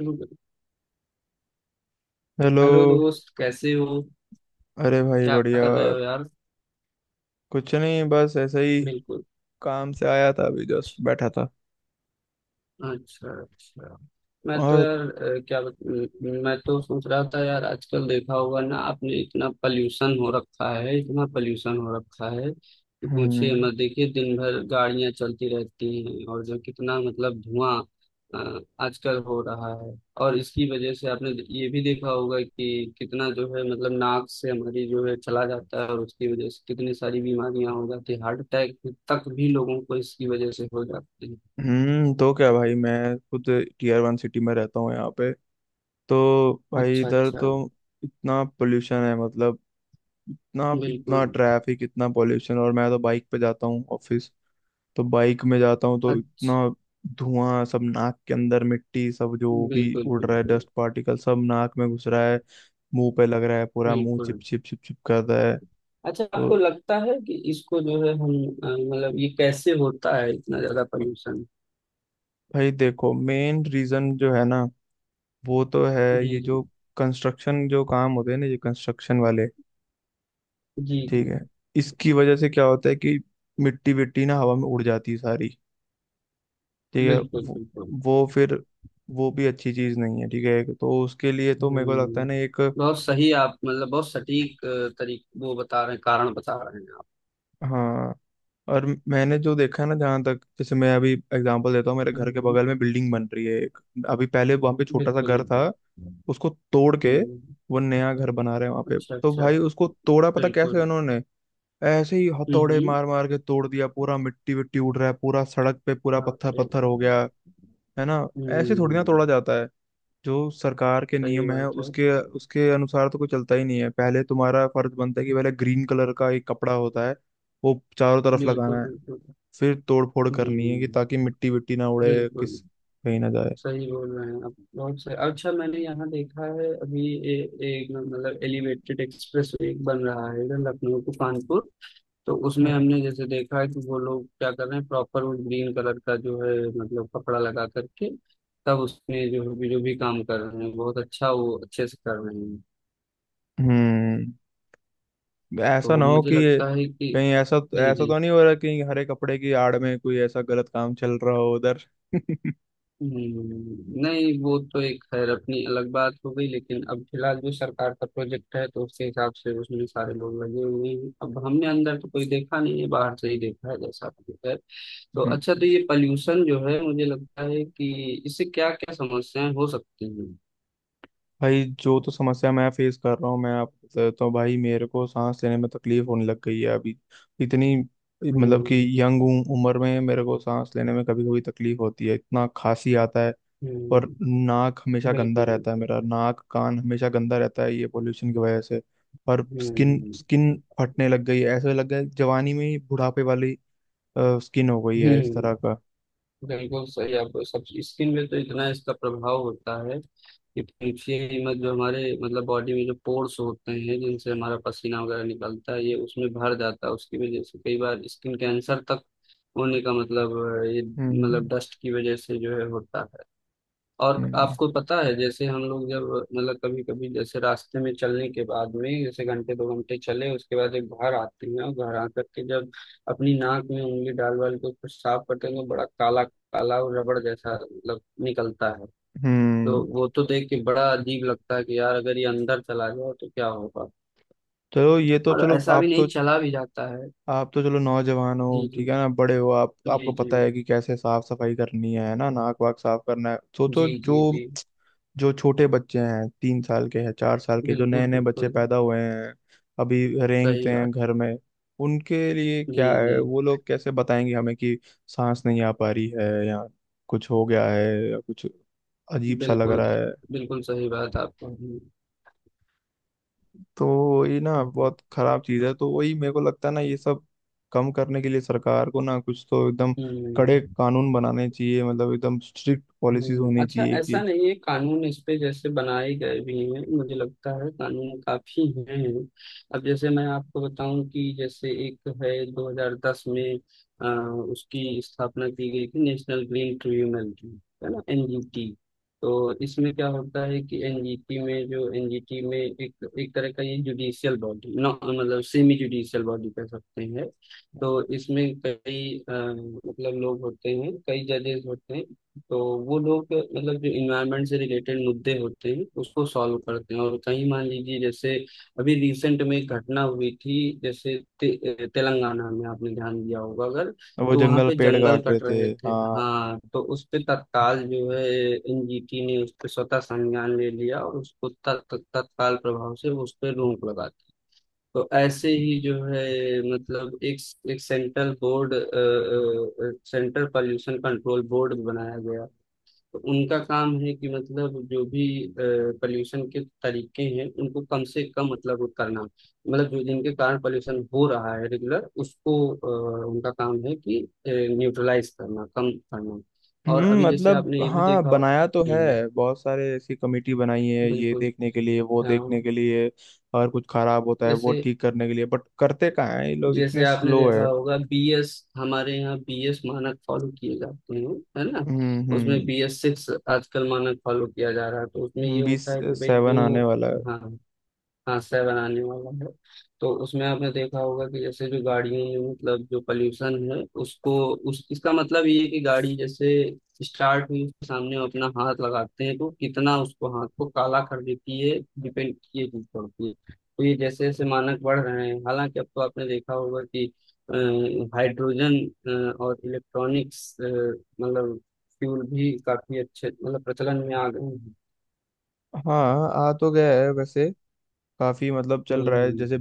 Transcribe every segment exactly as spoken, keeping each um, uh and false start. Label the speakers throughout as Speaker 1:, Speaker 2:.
Speaker 1: Hello
Speaker 2: hello.
Speaker 1: दोस्त। कैसे हो?
Speaker 2: अरे भाई
Speaker 1: क्या
Speaker 2: बढ़िया
Speaker 1: कर रहे
Speaker 2: यार।
Speaker 1: हो यार?
Speaker 2: कुछ नहीं, बस ऐसे ही
Speaker 1: बिल्कुल।
Speaker 2: काम से आया था, अभी जस्ट बैठा था।
Speaker 1: अच्छा अच्छा। मैं तो
Speaker 2: और
Speaker 1: यार अ, क्या बत- म- मैं तो सोच रहा था यार, आजकल देखा होगा ना आपने, इतना पल्यूशन हो रखा है, इतना पल्यूशन हो रखा है कि पूछिए
Speaker 2: हम्म।
Speaker 1: मत। देखिए दिन भर गाड़ियां चलती रहती हैं और जो कितना मतलब धुआं अ, आजकल हो रहा है। और इसकी वजह से आपने ये भी देखा होगा कि कितना जो है मतलब नाक से हमारी जो है चला जाता है और उसकी वजह से कितनी सारी बीमारियां हो जाती है, हार्ट अटैक तक भी लोगों को इसकी वजह से हो जाती है।
Speaker 2: हम्म, तो क्या भाई, मैं खुद टीयर वन सिटी में रहता हूँ यहाँ पे। तो भाई
Speaker 1: अच्छा
Speaker 2: इधर
Speaker 1: अच्छा।
Speaker 2: तो इतना पोल्यूशन है, मतलब इतना इतना
Speaker 1: बिल्कुल।
Speaker 2: ट्रैफिक, इतना पोल्यूशन। और मैं तो बाइक पे जाता हूँ ऑफिस, तो बाइक में जाता हूँ तो
Speaker 1: अच्छा।
Speaker 2: इतना धुआं सब नाक के अंदर, मिट्टी सब जो भी
Speaker 1: बिल्कुल
Speaker 2: उड़ रहा है,
Speaker 1: बिल्कुल।
Speaker 2: डस्ट पार्टिकल सब नाक में घुस रहा है, मुंह पे लग रहा है, पूरा मुंह
Speaker 1: बिल्कुल।
Speaker 2: चिप चिप चिप चिप कर रहा है।
Speaker 1: अच्छा, आपको
Speaker 2: तो
Speaker 1: लगता है कि इसको जो है हम अ, मतलब ये कैसे होता है इतना ज्यादा पॉल्यूशन?
Speaker 2: भाई देखो, मेन रीजन जो है ना, वो तो है
Speaker 1: जी
Speaker 2: ये
Speaker 1: जी।
Speaker 2: जो कंस्ट्रक्शन जो काम होते हैं ना, ये कंस्ट्रक्शन वाले,
Speaker 1: जी जी।
Speaker 2: ठीक है। इसकी वजह से क्या होता है कि मिट्टी विट्टी ना हवा में उड़ जाती है सारी, ठीक है।
Speaker 1: बिल्कुल
Speaker 2: वो,
Speaker 1: बिल्कुल।
Speaker 2: वो फिर वो भी अच्छी चीज नहीं है, ठीक है। तो उसके लिए तो मेरे को लगता है
Speaker 1: हम्म।
Speaker 2: ना एक।
Speaker 1: बहुत सही आप मतलब बहुत सटीक तरीके वो बता रहे हैं, कारण बता रहे हैं आप।
Speaker 2: हाँ, और मैंने जो देखा है ना, जहाँ तक, जैसे मैं अभी एग्जांपल देता हूँ, मेरे घर के
Speaker 1: हम्म।
Speaker 2: बगल में बिल्डिंग बन रही है एक। अभी पहले वहाँ पे छोटा सा
Speaker 1: बिल्कुल
Speaker 2: घर था,
Speaker 1: बिल्कुल।
Speaker 2: उसको तोड़ के
Speaker 1: हम्म।
Speaker 2: वो नया घर बना रहे हैं वहाँ पे।
Speaker 1: अच्छा
Speaker 2: तो
Speaker 1: अच्छा।
Speaker 2: भाई उसको तोड़ा पता कैसे
Speaker 1: बिल्कुल।
Speaker 2: उन्होंने, ऐसे ही हथौड़े
Speaker 1: हम्म।
Speaker 2: मार मार के तोड़ दिया पूरा, मिट्टी विट्टी उड़ रहा है पूरा, सड़क पे पूरा
Speaker 1: बाप
Speaker 2: पत्थर
Speaker 1: रे।
Speaker 2: पत्थर हो गया, है ना। ऐसे थोड़ी ना
Speaker 1: हम्म।
Speaker 2: तोड़ा जाता है। जो सरकार के
Speaker 1: सही
Speaker 2: नियम है
Speaker 1: बात है।
Speaker 2: उसके उसके अनुसार तो कोई चलता ही नहीं है। पहले तुम्हारा फर्ज बनता है कि पहले ग्रीन कलर का एक कपड़ा होता है, वो चारों तरफ
Speaker 1: बिल्कुल
Speaker 2: लगाना है,
Speaker 1: बिल्कुल।
Speaker 2: फिर तोड़ फोड़ करनी है, कि
Speaker 1: हम्म।
Speaker 2: ताकि मिट्टी विट्टी ना उड़े,
Speaker 1: बिल्कुल
Speaker 2: किस कहीं ना जाए।
Speaker 1: सही बोल रहे हैं आप, बहुत सही। अच्छा, मैंने यहाँ देखा है अभी ए, एक मतलब एलिवेटेड एक्सप्रेस एक बन रहा है इधर लखनऊ टू कानपुर। तो उसमें
Speaker 2: हम्म।
Speaker 1: हमने जैसे देखा है कि वो लोग क्या कर रहे हैं, प्रॉपर वो ग्रीन कलर का जो है मतलब कपड़ा लगा करके, तब उसमें जो भी जो भी काम कर रहे हैं बहुत अच्छा, वो अच्छे से कर रहे हैं।
Speaker 2: हम्म, ऐसा
Speaker 1: तो
Speaker 2: ना हो
Speaker 1: मुझे
Speaker 2: कि
Speaker 1: लगता है कि
Speaker 2: कहीं ऐसा
Speaker 1: जी
Speaker 2: ऐसा
Speaker 1: जी।
Speaker 2: तो नहीं हो रहा कि हरे कपड़े की आड़ में कोई ऐसा गलत काम चल रहा हो उधर।
Speaker 1: हम्म, नहीं वो तो एक खैर अपनी अलग बात हो गई, लेकिन अब फिलहाल जो सरकार का प्रोजेक्ट है तो उसके हिसाब से उसमें सारे लोग लगे हुए हैं। अब हमने अंदर तो कोई देखा नहीं है, बाहर से ही देखा है जैसा आपने कहा। तो
Speaker 2: हम्म।
Speaker 1: अच्छा, तो ये पॉल्यूशन जो है मुझे लगता है कि इससे क्या क्या समस्याएं हो सकती हैं?
Speaker 2: भाई जो तो समस्या मैं फेस कर रहा हूँ, मैं आपको बता देता हूँ भाई। मेरे को सांस लेने में तकलीफ होने लग गई है अभी, इतनी, मतलब कि
Speaker 1: हम्म।
Speaker 2: यंग उम्र में मेरे को सांस लेने में कभी कभी तकलीफ होती है, इतना खांसी आता है। और
Speaker 1: हम्म।
Speaker 2: नाक हमेशा गंदा
Speaker 1: बिल्कुल
Speaker 2: रहता है,
Speaker 1: बिल्कुल।
Speaker 2: मेरा नाक कान हमेशा गंदा रहता है, ये पोल्यूशन की वजह से। और स्किन
Speaker 1: हम्म।
Speaker 2: स्किन फटने लग गई है, ऐसे लग गया है जवानी में ही बुढ़ापे वाली स्किन हो गई है, इस तरह
Speaker 1: हम्म।
Speaker 2: का।
Speaker 1: बिल्कुल सही। आप सब स्किन में तो इतना इसका प्रभाव होता है कि पूछिए ही मत। जो हमारे मतलब बॉडी में जो पोर्स होते हैं जिनसे हमारा पसीना वगैरह निकलता है, ये उसमें भर जाता है, उसकी वजह से कई बार स्किन कैंसर तक होने का मतलब अ, ये मतलब
Speaker 2: हम्म।
Speaker 1: डस्ट की वजह से जो है होता है। और
Speaker 2: हम्म।
Speaker 1: आपको पता है जैसे हम लोग जब मतलब कभी कभी जैसे रास्ते में चलने के बाद में, जैसे घंटे दो घंटे चले उसके बाद एक घर आते हैं और घर आकर के जब अपनी नाक में उंगली डाल वाल के कुछ साफ करते हैं तो बड़ा काला काला और रबड़ जैसा मतलब निकलता है। तो
Speaker 2: हम्म।
Speaker 1: वो तो देख के बड़ा अजीब लगता है कि यार अगर ये अंदर चला जाए तो क्या होगा।
Speaker 2: चलो ये तो,
Speaker 1: और
Speaker 2: चलो
Speaker 1: ऐसा भी
Speaker 2: आप तो
Speaker 1: नहीं, चला भी जाता है।
Speaker 2: आप तो चलो नौजवान हो,
Speaker 1: जी
Speaker 2: ठीक
Speaker 1: जी।
Speaker 2: है ना, बड़े हो आप,
Speaker 1: जी
Speaker 2: आपको
Speaker 1: जी।
Speaker 2: पता है कि कैसे साफ सफाई करनी है है ना, नाक वाक साफ करना है। सोचो
Speaker 1: जी जी
Speaker 2: जो
Speaker 1: जी।
Speaker 2: जो छोटे बच्चे हैं, तीन साल के हैं, चार साल के, जो नए
Speaker 1: बिल्कुल
Speaker 2: नए बच्चे
Speaker 1: बिल्कुल।
Speaker 2: पैदा हुए हैं, अभी
Speaker 1: सही
Speaker 2: रेंगते हैं
Speaker 1: बात।
Speaker 2: घर में, उनके लिए
Speaker 1: जी
Speaker 2: क्या है?
Speaker 1: जी।
Speaker 2: वो लोग कैसे बताएंगे हमें कि सांस नहीं आ पा रही है, या कुछ हो गया है, या कुछ अजीब सा लग
Speaker 1: बिल्कुल।
Speaker 2: रहा है।
Speaker 1: बिल्कुल सही बात आपको।
Speaker 2: तो ये ना बहुत खराब चीज है। तो वही मेरे को लगता है ना, ये सब कम करने के लिए सरकार को ना कुछ तो एकदम कड़े
Speaker 1: हम्म।
Speaker 2: कानून बनाने चाहिए, मतलब एकदम स्ट्रिक्ट पॉलिसीज
Speaker 1: हम्म,
Speaker 2: होनी
Speaker 1: अच्छा
Speaker 2: चाहिए
Speaker 1: ऐसा
Speaker 2: कि।
Speaker 1: नहीं है कानून इस पे जैसे बनाए गए भी हैं, मुझे लगता है कानून काफी हैं। अब जैसे मैं आपको बताऊं कि जैसे एक है दो हज़ार दस में अ, उसकी स्थापना की गई थी नेशनल ग्रीन ट्रिब्यूनल की। है ना, एनजीटी। तो इसमें क्या होता है कि एनजीटी में जो एनजीटी में एक एक तरह का ये जुडिशियल बॉडी ना, मतलब सेमी जुडिशियल बॉडी कह सकते हैं। तो इसमें कई अ, मतलब लोग होते हैं, कई जजेस होते हैं। तो वो लोग मतलब जो इन्वायरमेंट से रिलेटेड मुद्दे होते हैं उसको सॉल्व करते हैं। और कहीं मान लीजिए, जैसे अभी रिसेंट में एक घटना हुई थी, जैसे ते, तेलंगाना में आपने ध्यान दिया होगा अगर,
Speaker 2: वो
Speaker 1: तो वहाँ
Speaker 2: जंगल
Speaker 1: पे
Speaker 2: पेड़
Speaker 1: जंगल
Speaker 2: काट रहे
Speaker 1: कट
Speaker 2: थे।
Speaker 1: रहे थे।
Speaker 2: हाँ।
Speaker 1: हाँ, तो उस पे तत्काल जो है एनजीटी ने उस पे स्वतः संज्ञान ले लिया और उसको तत्- तत्- तत्काल प्रभाव से उस पे रोक लगा दी। तो ऐसे ही जो है मतलब एक एक central board, central pollution control board बनाया गया। तो उनका काम है कि मतलब जो भी पॉल्यूशन के तरीके हैं उनको कम से कम मतलब वो करना, मतलब जो जिनके कारण पॉल्यूशन हो रहा है रेगुलर उसको अ, उनका काम है कि न्यूट्रलाइज करना, कम करना। और
Speaker 2: हम्म,
Speaker 1: अभी जैसे
Speaker 2: मतलब
Speaker 1: आपने ये भी
Speaker 2: हाँ,
Speaker 1: देखा हो-
Speaker 2: बनाया तो है,
Speaker 1: हम्म।
Speaker 2: बहुत सारे ऐसी कमेटी बनाई है ये
Speaker 1: बिल्कुल।
Speaker 2: देखने के लिए, वो
Speaker 1: हाँ।
Speaker 2: देखने के लिए, और कुछ खराब होता है वो
Speaker 1: जैसे
Speaker 2: ठीक करने के लिए, बट करते कहाँ है ये लोग, इतने
Speaker 1: जैसे आपने
Speaker 2: स्लो है।
Speaker 1: देखा होगा बीएस, हमारे यहाँ बीएस मानक फॉलो किए जाते हैं है ना।
Speaker 2: हम्म।
Speaker 1: उसमें
Speaker 2: हम्म।
Speaker 1: बीएस सिक्स आजकल मानक फॉलो किया जा रहा है। तो उसमें ये
Speaker 2: हम्म, बीस
Speaker 1: होता है कि भाई
Speaker 2: सेवन
Speaker 1: जो
Speaker 2: आने वाला है।
Speaker 1: हाँ हाँ सह बनाने वाला है। तो उसमें आपने देखा होगा कि जैसे जो गाड़ियों में मतलब जो पोल्यूशन है उसको उस, इसका मतलब ये है कि गाड़ी जैसे स्टार्ट हुई उसके सामने हम अपना हाथ लगाते हैं तो कितना उसको हाथ को काला कर देती है, डिपेंड ये चीज पड़ती है। तो ये जैसे जैसे मानक बढ़ रहे हैं, हालांकि अब तो आपने देखा होगा कि अ, हाइड्रोजन अ, और इलेक्ट्रॉनिक्स अ, मतलब फ्यूल भी काफी अच्छे मतलब प्रचलन में आ गए हैं।
Speaker 2: हाँ आ तो गया है वैसे, काफी मतलब
Speaker 1: हम्म,
Speaker 2: चल रहा है
Speaker 1: हम्म।
Speaker 2: जैसे,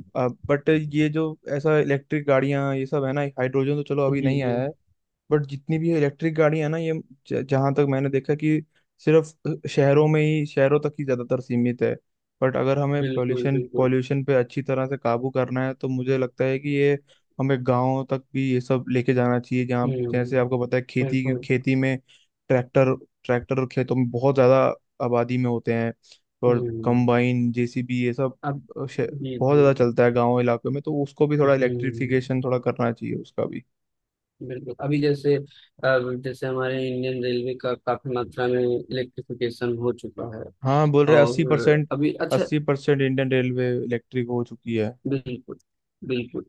Speaker 2: बट ये जो, ऐसा इलेक्ट्रिक गाड़ियां ये सब है ना, हाइड्रोजन तो चलो अभी
Speaker 1: जी
Speaker 2: नहीं
Speaker 1: जी।
Speaker 2: आया है, बट जितनी भी इलेक्ट्रिक गाड़ी है ना, ये ज- जहाँ तक मैंने देखा कि सिर्फ शहरों में ही, शहरों तक ही ज़्यादातर सीमित है। बट अगर हमें
Speaker 1: बिल्कुल
Speaker 2: पोल्यूशन
Speaker 1: बिल्कुल।
Speaker 2: पोल्यूशन पे अच्छी तरह से काबू करना है तो मुझे लगता है कि ये हमें गाँव तक भी ये सब लेके जाना चाहिए, जहाँ,
Speaker 1: हम्म।
Speaker 2: जैसे आपको पता है खेती,
Speaker 1: बिल्कुल।
Speaker 2: खेती में ट्रैक्टर ट्रैक्टर खेतों में बहुत ज़्यादा आबादी में होते हैं, और
Speaker 1: हम्म।
Speaker 2: कंबाइन, जेसीबी ये सब
Speaker 1: अब
Speaker 2: अ, शे-
Speaker 1: जी
Speaker 2: बहुत
Speaker 1: जी।
Speaker 2: ज़्यादा चलता है गाँव इलाकों में, तो उसको भी थोड़ा
Speaker 1: हम्म।
Speaker 2: इलेक्ट्रिफिकेशन थोड़ा करना चाहिए उसका भी।
Speaker 1: बिल्कुल। अभी जैसे अब जैसे हमारे इंडियन रेलवे का काफी मात्रा में इलेक्ट्रिफिकेशन हो चुका है
Speaker 2: हाँ, बोल रहे अस्सी
Speaker 1: और
Speaker 2: परसेंट
Speaker 1: अभी अच्छा
Speaker 2: अस्सी परसेंट इंडियन रेलवे इलेक्ट्रिक हो चुकी है।
Speaker 1: बिल्कुल बिल्कुल।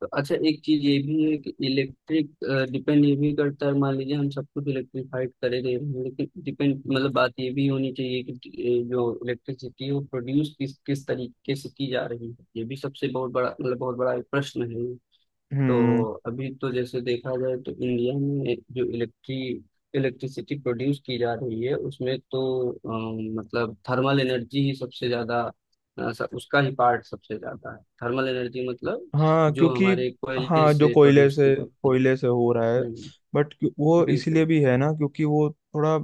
Speaker 1: तो अच्छा, एक चीज ये भी है कि इलेक्ट्रिक डिपेंड ये भी करता है। मान लीजिए हम सब कुछ इलेक्ट्रिफाइड करे दे रहे हैं, लेकिन डिपेंड मतलब बात ये भी होनी चाहिए कि अ, जो इलेक्ट्रिसिटी है वो प्रोड्यूस किस किस तरीके से की जा रही है, ये भी सबसे बहुत बड़ा मतलब बहुत बड़ा एक प्रश्न है।
Speaker 2: हम्म।
Speaker 1: तो अभी तो जैसे देखा जाए तो इंडिया में जो इलेक्ट्री इलेक्ट्रिसिटी प्रोड्यूस की जा रही है उसमें तो अम, मतलब थर्मल एनर्जी ही सबसे ज्यादा अ, स- उसका ही पार्ट सबसे ज्यादा है, थर्मल एनर्जी मतलब
Speaker 2: हाँ
Speaker 1: जो
Speaker 2: क्योंकि,
Speaker 1: हमारे कोयले
Speaker 2: हाँ जो
Speaker 1: से
Speaker 2: कोयले
Speaker 1: प्रोड्यूस की
Speaker 2: से
Speaker 1: जाती है।
Speaker 2: कोयले से हो रहा है।
Speaker 1: हम्म।
Speaker 2: बट वो इसीलिए
Speaker 1: बिल्कुल।
Speaker 2: भी है ना, क्योंकि वो थोड़ा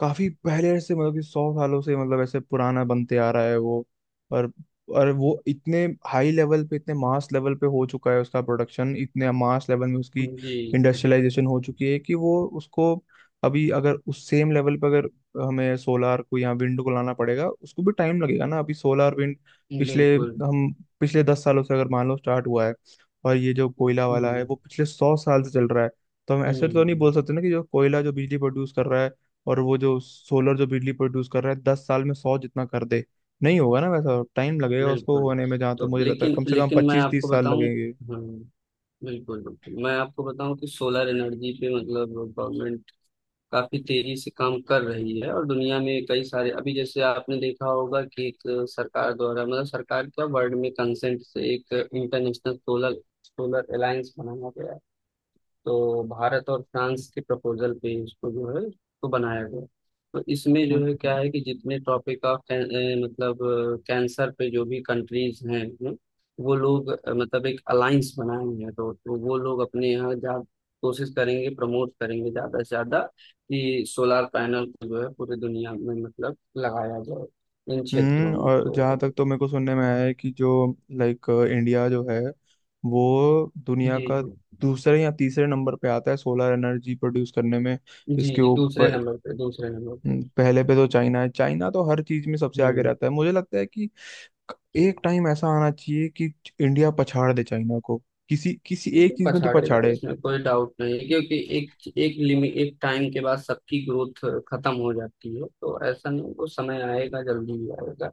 Speaker 2: काफी पहले से, मतलब कि सौ सालों से मतलब ऐसे पुराना बनते आ रहा है वो। और और वो इतने हाई लेवल पे, इतने मास लेवल पे हो चुका है उसका प्रोडक्शन, इतने मास लेवल में उसकी
Speaker 1: जी।
Speaker 2: इंडस्ट्रियलाइजेशन हो चुकी है कि वो उसको, अभी अगर उस सेम लेवल पे अगर हमें सोलार को या विंड को लाना पड़ेगा, उसको भी टाइम लगेगा ना। अभी सोलार विंड पिछले
Speaker 1: बिल्कुल।
Speaker 2: हम पिछले दस सालों से अगर मान लो स्टार्ट हुआ है, और ये जो कोयला वाला है
Speaker 1: हम्म।
Speaker 2: वो पिछले सौ साल से चल रहा है। तो हम ऐसे तो नहीं बोल
Speaker 1: हम्म।
Speaker 2: सकते ना कि जो कोयला जो बिजली प्रोड्यूस कर रहा है, और वो जो सोलर जो बिजली प्रोड्यूस कर रहा है, दस साल में सौ जितना कर दे, नहीं होगा ना वैसा। टाइम लगेगा उसको
Speaker 1: बिल्कुल।
Speaker 2: होने में, जहाँ तक
Speaker 1: तो
Speaker 2: मुझे लगता है
Speaker 1: लेकिन
Speaker 2: कम से कम
Speaker 1: लेकिन मैं
Speaker 2: पच्चीस
Speaker 1: आपको
Speaker 2: तीस साल
Speaker 1: बताऊं
Speaker 2: लगेंगे।
Speaker 1: हम्म बिल्कुल बिल्कुल मैं आपको बताऊं कि सोलर एनर्जी पे मतलब गवर्नमेंट काफी तेजी से काम कर रही है। और दुनिया में कई सारे अभी जैसे आपने देखा होगा कि एक सरकार द्वारा मतलब सरकार क्या वर्ल्ड में कंसेंट से एक इंटरनेशनल सोलर सोलर अलायंस बनाया गया है। तो भारत और फ्रांस के प्रपोजल पे इसको जो है इसको बनाया गया। तो इसमें जो है
Speaker 2: हम्म।
Speaker 1: क्या है कि जितने टॉपिक ऑफ मतलब कैंसर पे जो भी कंट्रीज हैं हैं, वो लोग अ, मतलब एक अलायंस बनाए हैं, तो, तो वो लोग अपने यहाँ जा कोशिश करेंगे, प्रमोट करेंगे ज्यादा से ज्यादा कि सोलार पैनल को जो है पूरी दुनिया में मतलब लगाया जाए इन क्षेत्रों
Speaker 2: हम्म,
Speaker 1: में
Speaker 2: और जहाँ
Speaker 1: तो
Speaker 2: तक तो मेरे को सुनने में आया है कि जो लाइक इंडिया जो है वो
Speaker 1: जी
Speaker 2: दुनिया
Speaker 1: जी।
Speaker 2: का दूसरे या तीसरे नंबर पे आता है सोलर एनर्जी प्रोड्यूस करने में।
Speaker 1: जी
Speaker 2: इसके
Speaker 1: जी। दूसरे
Speaker 2: ऊपर।
Speaker 1: नंबर पे, दूसरे नंबर
Speaker 2: हम्म,
Speaker 1: पे।
Speaker 2: पहले पे तो चाइना है, चाइना तो हर चीज में सबसे आगे
Speaker 1: हम्म।
Speaker 2: रहता है। मुझे लगता है कि एक टाइम ऐसा आना चाहिए कि इंडिया पछाड़ दे चाइना को, किसी किसी एक
Speaker 1: बिल्कुल
Speaker 2: चीज में तो
Speaker 1: पछाड़ेगा,
Speaker 2: पछाड़े।
Speaker 1: इसमें कोई डाउट नहीं है, क्योंकि एक एक लिमिट एक टाइम के बाद सबकी ग्रोथ खत्म हो जाती है। तो ऐसा नहीं, वो समय आएगा, जल्दी ही आएगा।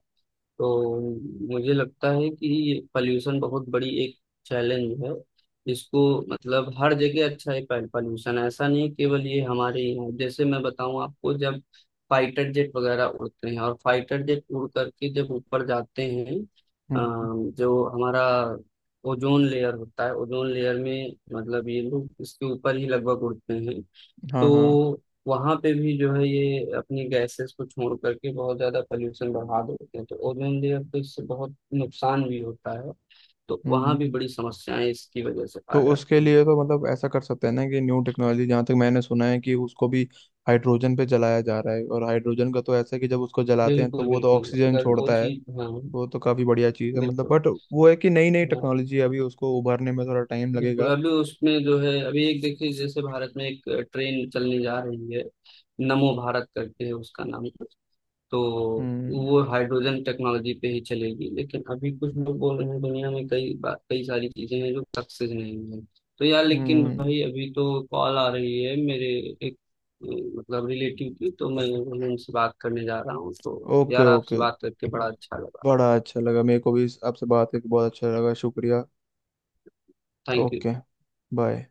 Speaker 1: तो मुझे लगता है कि ये पॉल्यूशन बहुत बड़ी एक चैलेंज है। इसको मतलब हर जगह अच्छा है पॉल्यूशन ऐसा नहीं, केवल ये हमारे यहाँ। जैसे मैं बताऊँ आपको, जब फाइटर जेट वगैरह उड़ते हैं और फाइटर जेट उड़ करके जब ऊपर जाते हैं
Speaker 2: हम्म।
Speaker 1: अम, जो हमारा ओजोन लेयर होता है, ओजोन लेयर में मतलब ये लोग इसके ऊपर ही लगभग उड़ते हैं। तो
Speaker 2: हाँ हाँ।
Speaker 1: वहां पे भी जो है ये अपनी गैसेस को छोड़ करके बहुत ज्यादा पोल्यूशन बढ़ा देते हैं, तो ओजोन लेयर पे इससे बहुत नुकसान भी होता है। तो वहां भी
Speaker 2: हम्म।
Speaker 1: बड़ी समस्याएं इसकी वजह से आ
Speaker 2: तो उसके
Speaker 1: जाती हैं।
Speaker 2: लिए तो मतलब ऐसा कर सकते हैं ना कि न्यू टेक्नोलॉजी, जहाँ तक मैंने सुना है कि उसको भी हाइड्रोजन पे जलाया जा रहा है, और हाइड्रोजन का तो ऐसा है कि जब उसको जलाते हैं तो
Speaker 1: बिल्कुल
Speaker 2: वो तो
Speaker 1: बिल्कुल,
Speaker 2: ऑक्सीजन
Speaker 1: अगर वो
Speaker 2: छोड़ता है।
Speaker 1: चीज हाँ
Speaker 2: वो तो काफी बढ़िया चीज है मतलब,
Speaker 1: बिल्कुल।
Speaker 2: बट वो है कि नई नई
Speaker 1: हाँ
Speaker 2: टेक्नोलॉजी है, अभी उसको उभरने में थोड़ा टाइम
Speaker 1: बिल्कुल।
Speaker 2: लगेगा।
Speaker 1: अभी उसमें जो है अभी एक देखिए, जैसे भारत में एक ट्रेन चलने जा रही है, नमो भारत करके है उसका नाम। तो
Speaker 2: हम्म।
Speaker 1: वो हाइड्रोजन टेक्नोलॉजी पे ही चलेगी, लेकिन अभी कुछ लोग बोल रहे हैं दुनिया में कई बा- कई सारी चीजें हैं जो सक्सेस नहीं है। तो यार लेकिन
Speaker 2: हम्म।
Speaker 1: भाई अभी तो कॉल आ रही है मेरे एक अ, मतलब रिलेटिव की, तो मैं उनसे बात करने जा रहा हूँ। तो
Speaker 2: ओके
Speaker 1: यार आपसे
Speaker 2: ओके।
Speaker 1: बात करके बड़ा अच्छा लगा।
Speaker 2: बड़ा अच्छा लगा, मेरे को भी आपसे बात करके बहुत अच्छा लगा, शुक्रिया।
Speaker 1: Thank you.
Speaker 2: ओके। बाय।